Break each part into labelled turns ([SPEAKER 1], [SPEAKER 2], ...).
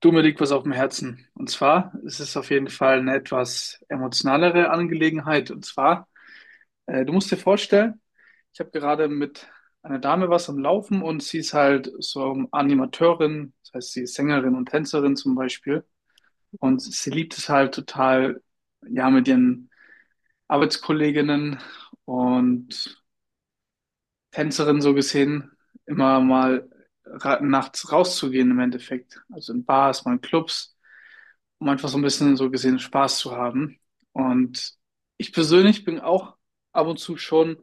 [SPEAKER 1] Du, mir liegt was auf dem Herzen. Und zwar ist es auf jeden Fall eine etwas emotionalere Angelegenheit. Und zwar, du musst dir vorstellen, ich habe gerade mit einer Dame was am Laufen, und sie ist halt so Animateurin, das heißt, sie ist Sängerin und Tänzerin zum Beispiel.
[SPEAKER 2] Mhm.
[SPEAKER 1] Und sie liebt es halt total, ja, mit ihren Arbeitskolleginnen und Tänzerinnen so gesehen, immer mal ra nachts rauszugehen im Endeffekt. Also in Bars, mal in Clubs, um einfach so ein bisschen so gesehen Spaß zu haben. Und ich persönlich bin auch ab und zu schon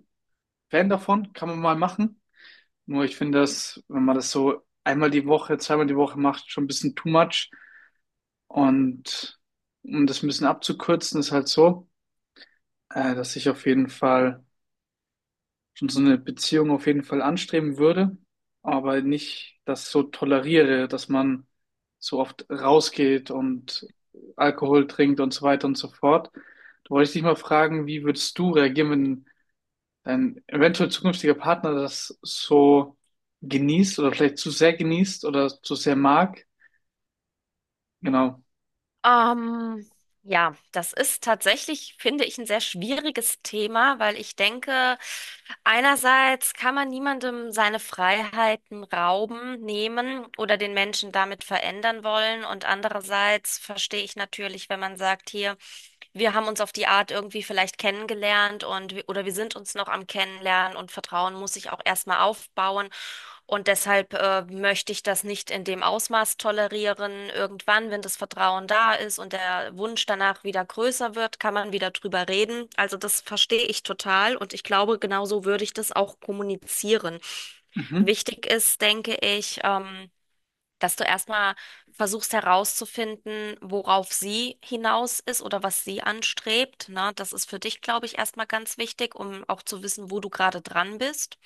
[SPEAKER 1] Fan davon, kann man mal machen. Nur ich finde das, wenn man das so einmal die Woche, zweimal die Woche macht, schon ein bisschen too much. Und um das ein bisschen abzukürzen, ist halt so, dass ich auf jeden Fall schon so eine Beziehung auf jeden Fall anstreben würde, aber nicht das so toleriere, dass man so oft rausgeht und Alkohol trinkt und so weiter und so fort. Da wollte ich dich mal fragen, wie würdest du reagieren, wenn dein eventuell zukünftiger Partner das so genießt oder vielleicht zu sehr genießt oder zu sehr mag? Genau.
[SPEAKER 2] Ähm, ja, das ist tatsächlich, finde ich, ein sehr schwieriges Thema, weil ich denke, einerseits kann man niemandem seine Freiheiten rauben, nehmen oder den Menschen damit verändern wollen. Und andererseits verstehe ich natürlich, wenn man sagt, hier, wir haben uns auf die Art irgendwie vielleicht kennengelernt und wir- oder wir sind uns noch am Kennenlernen und Vertrauen muss sich auch erstmal aufbauen. Und deshalb möchte ich das nicht in dem Ausmaß tolerieren. Irgendwann, wenn das Vertrauen da ist und der Wunsch danach wieder größer wird, kann man wieder drüber reden. Also das verstehe ich total und ich glaube, genauso würde ich das auch kommunizieren.
[SPEAKER 1] Mhm.
[SPEAKER 2] Wichtig ist, denke ich, dass du erstmal versuchst herauszufinden, worauf sie hinaus ist oder was sie anstrebt. Ne? Das ist für dich, glaube ich, erstmal ganz wichtig, um auch zu wissen, wo du gerade dran bist.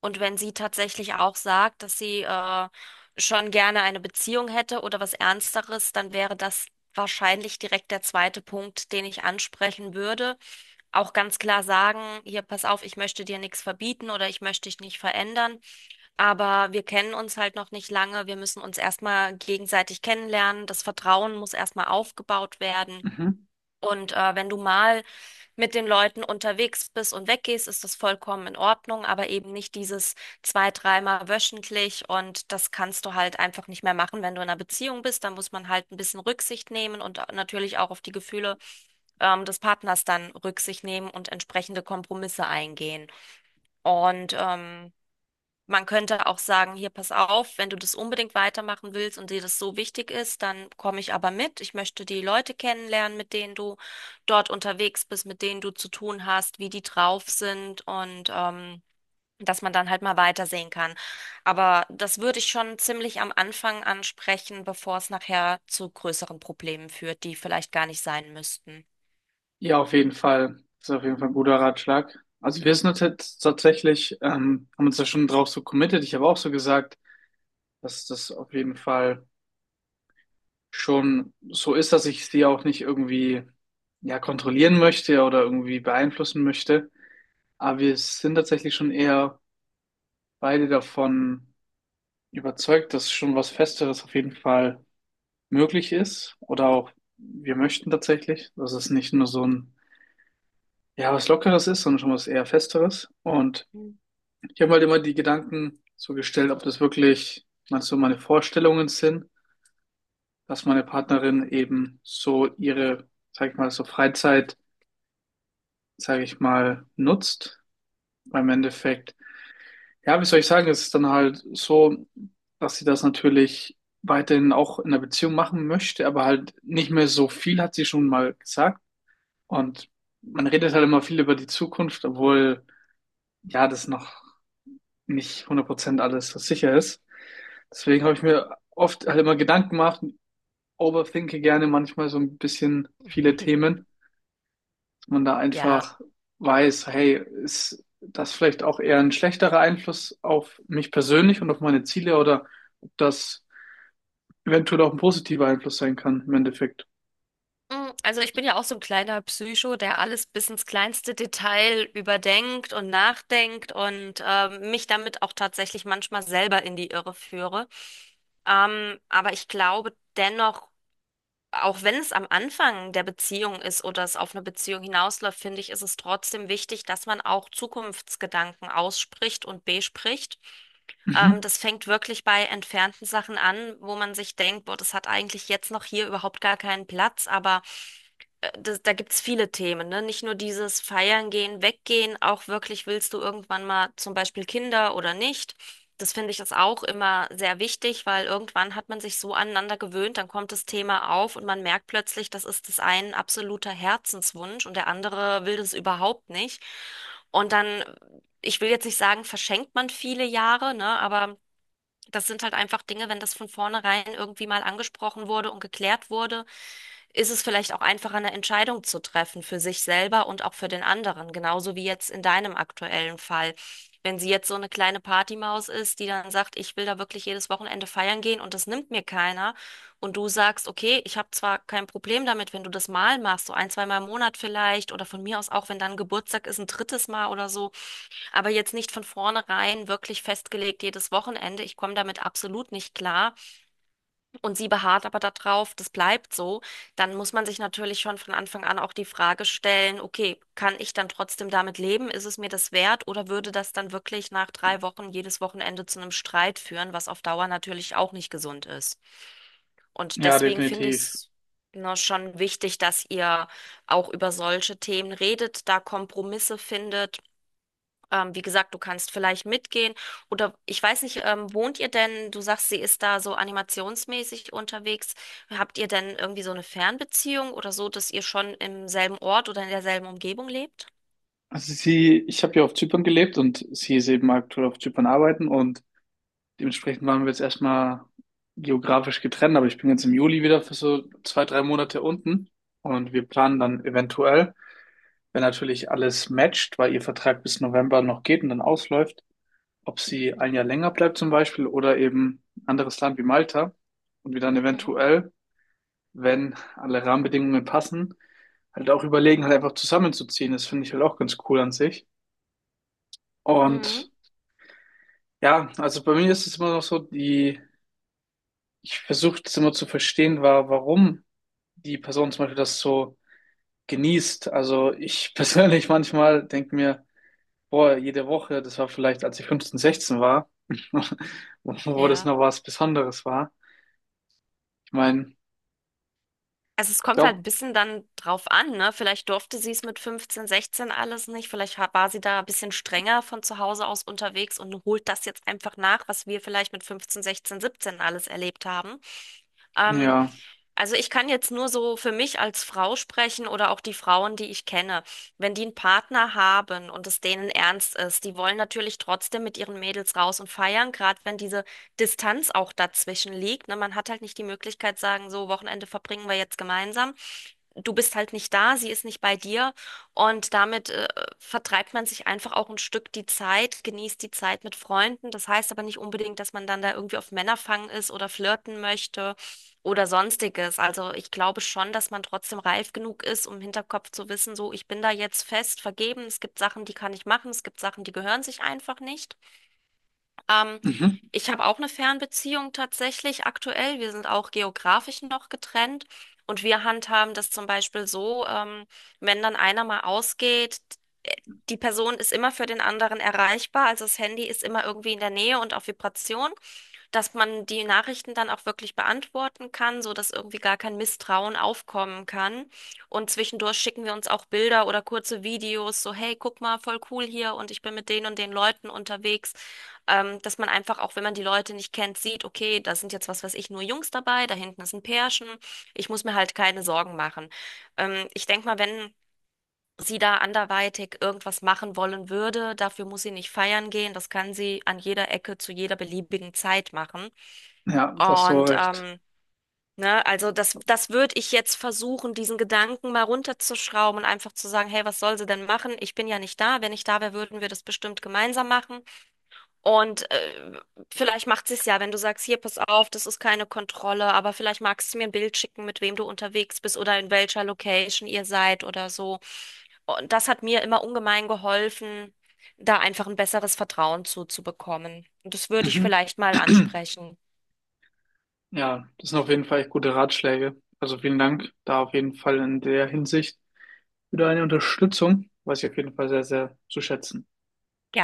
[SPEAKER 2] Und wenn sie tatsächlich auch sagt, dass sie schon gerne eine Beziehung hätte oder was Ernsteres, dann wäre das wahrscheinlich direkt der zweite Punkt, den ich ansprechen würde. Auch ganz klar sagen, hier, pass auf, ich möchte dir nichts verbieten oder ich möchte dich nicht verändern, aber wir kennen uns halt noch nicht lange. Wir müssen uns erstmal gegenseitig kennenlernen. Das Vertrauen muss erstmal aufgebaut werden.
[SPEAKER 1] Mhm.
[SPEAKER 2] Und wenn du mal mit den Leuten unterwegs bist und weggehst, ist das vollkommen in Ordnung, aber eben nicht dieses zwei, dreimal wöchentlich und das kannst du halt einfach nicht mehr machen, wenn du in einer Beziehung bist. Da muss man halt ein bisschen Rücksicht nehmen und natürlich auch auf die Gefühle des Partners dann Rücksicht nehmen und entsprechende Kompromisse eingehen. Und man könnte auch sagen, hier, pass auf, wenn du das unbedingt weitermachen willst und dir das so wichtig ist, dann komme ich aber mit. Ich möchte die Leute kennenlernen, mit denen du dort unterwegs bist, mit denen du zu tun hast, wie die drauf sind und dass man dann halt mal weitersehen kann. Aber das würde ich schon ziemlich am Anfang ansprechen, bevor es nachher zu größeren Problemen führt, die vielleicht gar nicht sein müssten.
[SPEAKER 1] Ja, auf jeden Fall. Das ist auf jeden Fall ein guter Ratschlag. Also wir sind uns jetzt tatsächlich, haben uns da schon drauf so committed. Ich habe auch so gesagt, dass das auf jeden Fall schon so ist, dass ich sie auch nicht irgendwie ja kontrollieren möchte oder irgendwie beeinflussen möchte. Aber wir sind tatsächlich schon eher beide davon überzeugt, dass schon was Festeres auf jeden Fall möglich ist. Oder auch wir möchten tatsächlich, dass es nicht nur so ein ja was Lockeres ist, sondern schon was eher Festeres. Und ich habe halt immer die Gedanken so gestellt, ob das wirklich mal so meine Vorstellungen sind, dass meine Partnerin eben so ihre, sag ich mal, so Freizeit, sag ich mal, nutzt. Weil im Endeffekt, ja, wie soll ich sagen, es ist dann halt so, dass sie das natürlich weiterhin auch in der Beziehung machen möchte, aber halt nicht mehr so viel, hat sie schon mal gesagt. Und man redet halt immer viel über die Zukunft, obwohl, ja, das noch nicht 100% alles so sicher ist. Deswegen habe
[SPEAKER 2] Mhm.
[SPEAKER 1] ich mir oft halt immer Gedanken gemacht, overthinke gerne manchmal so ein bisschen viele Themen. Man da
[SPEAKER 2] Ja.
[SPEAKER 1] einfach weiß, hey, ist das vielleicht auch eher ein schlechterer Einfluss auf mich persönlich und auf meine Ziele oder ob das eventuell auch ein positiver Einfluss sein kann im Endeffekt.
[SPEAKER 2] Mm, also ich bin ja auch so ein kleiner Psycho, der alles bis ins kleinste Detail überdenkt und nachdenkt und mich damit auch tatsächlich manchmal selber in die Irre führe. Aber ich glaube dennoch, auch wenn es am Anfang der Beziehung ist oder es auf eine Beziehung hinausläuft, finde ich, ist es trotzdem wichtig, dass man auch Zukunftsgedanken ausspricht und bespricht.
[SPEAKER 1] Mhm.
[SPEAKER 2] Das fängt wirklich bei entfernten Sachen an, wo man sich denkt, boah, das hat eigentlich jetzt noch hier überhaupt gar keinen Platz, aber das, da gibt's viele Themen, ne? Nicht nur dieses Feiern gehen, weggehen, auch wirklich willst du irgendwann mal zum Beispiel Kinder oder nicht. Das finde ich ist auch immer sehr wichtig, weil irgendwann hat man sich so aneinander gewöhnt, dann kommt das Thema auf und man merkt plötzlich, das ist das ein absoluter Herzenswunsch und der andere will das überhaupt nicht. Und dann, ich will jetzt nicht sagen, verschenkt man viele Jahre, ne? Aber das sind halt einfach Dinge, wenn das von vornherein irgendwie mal angesprochen wurde und geklärt wurde, ist es vielleicht auch einfacher, eine Entscheidung zu treffen für sich selber und auch für den anderen, genauso wie jetzt in deinem aktuellen Fall. Wenn sie jetzt so eine kleine Partymaus ist, die dann sagt, ich will da wirklich jedes Wochenende feiern gehen und das nimmt mir keiner, und du sagst, okay, ich habe zwar kein Problem damit, wenn du das mal machst, so ein, zweimal im Monat vielleicht, oder von mir aus auch, wenn dann Geburtstag ist, ein drittes Mal oder so, aber jetzt nicht von vornherein wirklich festgelegt jedes Wochenende, ich komme damit absolut nicht klar und sie beharrt aber darauf, das bleibt so, dann muss man sich natürlich schon von Anfang an auch die Frage stellen, okay, kann ich dann trotzdem damit leben? Ist es mir das wert? Oder würde das dann wirklich nach 3 Wochen jedes Wochenende zu einem Streit führen, was auf Dauer natürlich auch nicht gesund ist? Und
[SPEAKER 1] Ja,
[SPEAKER 2] deswegen finde ich
[SPEAKER 1] definitiv.
[SPEAKER 2] es, ne, schon wichtig, dass ihr auch über solche Themen redet, da Kompromisse findet. Wie gesagt, du kannst vielleicht mitgehen oder ich weiß nicht, wohnt ihr denn, du sagst, sie ist da so animationsmäßig unterwegs. Habt ihr denn irgendwie so eine Fernbeziehung oder so, dass ihr schon im selben Ort oder in derselben Umgebung lebt?
[SPEAKER 1] Also sie, ich habe ja auf Zypern gelebt und sie ist eben aktuell auf Zypern arbeiten, und dementsprechend waren wir jetzt erstmal geografisch getrennt, aber ich bin jetzt im Juli wieder für so 2, 3 Monate unten, und wir planen dann eventuell, wenn natürlich alles matcht, weil ihr Vertrag bis November noch geht und dann ausläuft, ob sie 1 Jahr länger bleibt zum Beispiel oder eben ein anderes Land wie Malta, und wir dann
[SPEAKER 2] Mhm.
[SPEAKER 1] eventuell, wenn alle Rahmenbedingungen passen, halt auch überlegen, halt einfach zusammenzuziehen. Das finde ich halt auch ganz cool an sich. Und
[SPEAKER 2] Mhm.
[SPEAKER 1] ja, also bei mir ist es immer noch so, die, ich versuche das immer zu verstehen, warum die Person zum Beispiel das so genießt. Also ich persönlich manchmal denke mir, boah, jede Woche, das war vielleicht, als ich 15, 16 war, wo das
[SPEAKER 2] Ja.
[SPEAKER 1] noch was Besonderes war. Ich meine,
[SPEAKER 2] Also es kommt halt ein
[SPEAKER 1] glaube,
[SPEAKER 2] bisschen dann drauf an, ne? Vielleicht durfte sie es mit 15, 16 alles nicht. Vielleicht war sie da ein bisschen strenger von zu Hause aus unterwegs und holt das jetzt einfach nach, was wir vielleicht mit 15, 16, 17 alles erlebt haben. Ähm,
[SPEAKER 1] ja,
[SPEAKER 2] also ich kann jetzt nur so für mich als Frau sprechen oder auch die Frauen, die ich kenne. Wenn die einen Partner haben und es denen ernst ist, die wollen natürlich trotzdem mit ihren Mädels raus und feiern, gerade wenn diese Distanz auch dazwischen liegt. Ne? Man hat halt nicht die Möglichkeit, sagen, so Wochenende verbringen wir jetzt gemeinsam. Du bist halt nicht da, sie ist nicht bei dir und damit vertreibt man sich einfach auch ein Stück die Zeit, genießt die Zeit mit Freunden. Das heißt aber nicht unbedingt, dass man dann da irgendwie auf Männerfang ist oder flirten möchte oder sonstiges. Also ich glaube schon, dass man trotzdem reif genug ist, um im Hinterkopf zu wissen, so, ich bin da jetzt fest vergeben. Es gibt Sachen, die kann ich machen. Es gibt Sachen, die gehören sich einfach nicht. Ähm,
[SPEAKER 1] mhm.
[SPEAKER 2] Ich habe auch eine Fernbeziehung tatsächlich aktuell. Wir sind auch geografisch noch getrennt. Und wir handhaben das zum Beispiel so, wenn dann einer mal ausgeht, die Person ist immer für den anderen erreichbar, also das Handy ist immer irgendwie in der Nähe und auf Vibration, dass man die Nachrichten dann auch wirklich beantworten kann, so dass irgendwie gar kein Misstrauen aufkommen kann. Und zwischendurch schicken wir uns auch Bilder oder kurze Videos, so hey, guck mal, voll cool hier und ich bin mit den und den Leuten unterwegs. Dass man einfach auch, wenn man die Leute nicht kennt, sieht, okay, da sind jetzt was weiß ich, nur Jungs dabei, da hinten ist ein Pärchen. Ich muss mir halt keine Sorgen machen. Ich denke mal, wenn sie da anderweitig irgendwas machen wollen würde. Dafür muss sie nicht feiern gehen. Das kann sie an jeder Ecke zu jeder beliebigen Zeit machen.
[SPEAKER 1] Ja, da hast du
[SPEAKER 2] Und
[SPEAKER 1] recht.
[SPEAKER 2] ne, also das, das würde ich jetzt versuchen, diesen Gedanken mal runterzuschrauben und einfach zu sagen, hey, was soll sie denn machen? Ich bin ja nicht da. Wenn ich da wäre, würden wir das bestimmt gemeinsam machen. Und vielleicht macht sie es ja, wenn du sagst, hier, pass auf, das ist keine Kontrolle, aber vielleicht magst du mir ein Bild schicken, mit wem du unterwegs bist oder in welcher Location ihr seid oder so. Und das hat mir immer ungemein geholfen, da einfach ein besseres Vertrauen zuzubekommen. Und das würde ich
[SPEAKER 1] Mhm.
[SPEAKER 2] vielleicht mal ansprechen.
[SPEAKER 1] Ja, das sind auf jeden Fall echt gute Ratschläge. Also vielen Dank da auf jeden Fall in der Hinsicht für deine Unterstützung, weiß ich auf jeden Fall sehr, sehr zu schätzen.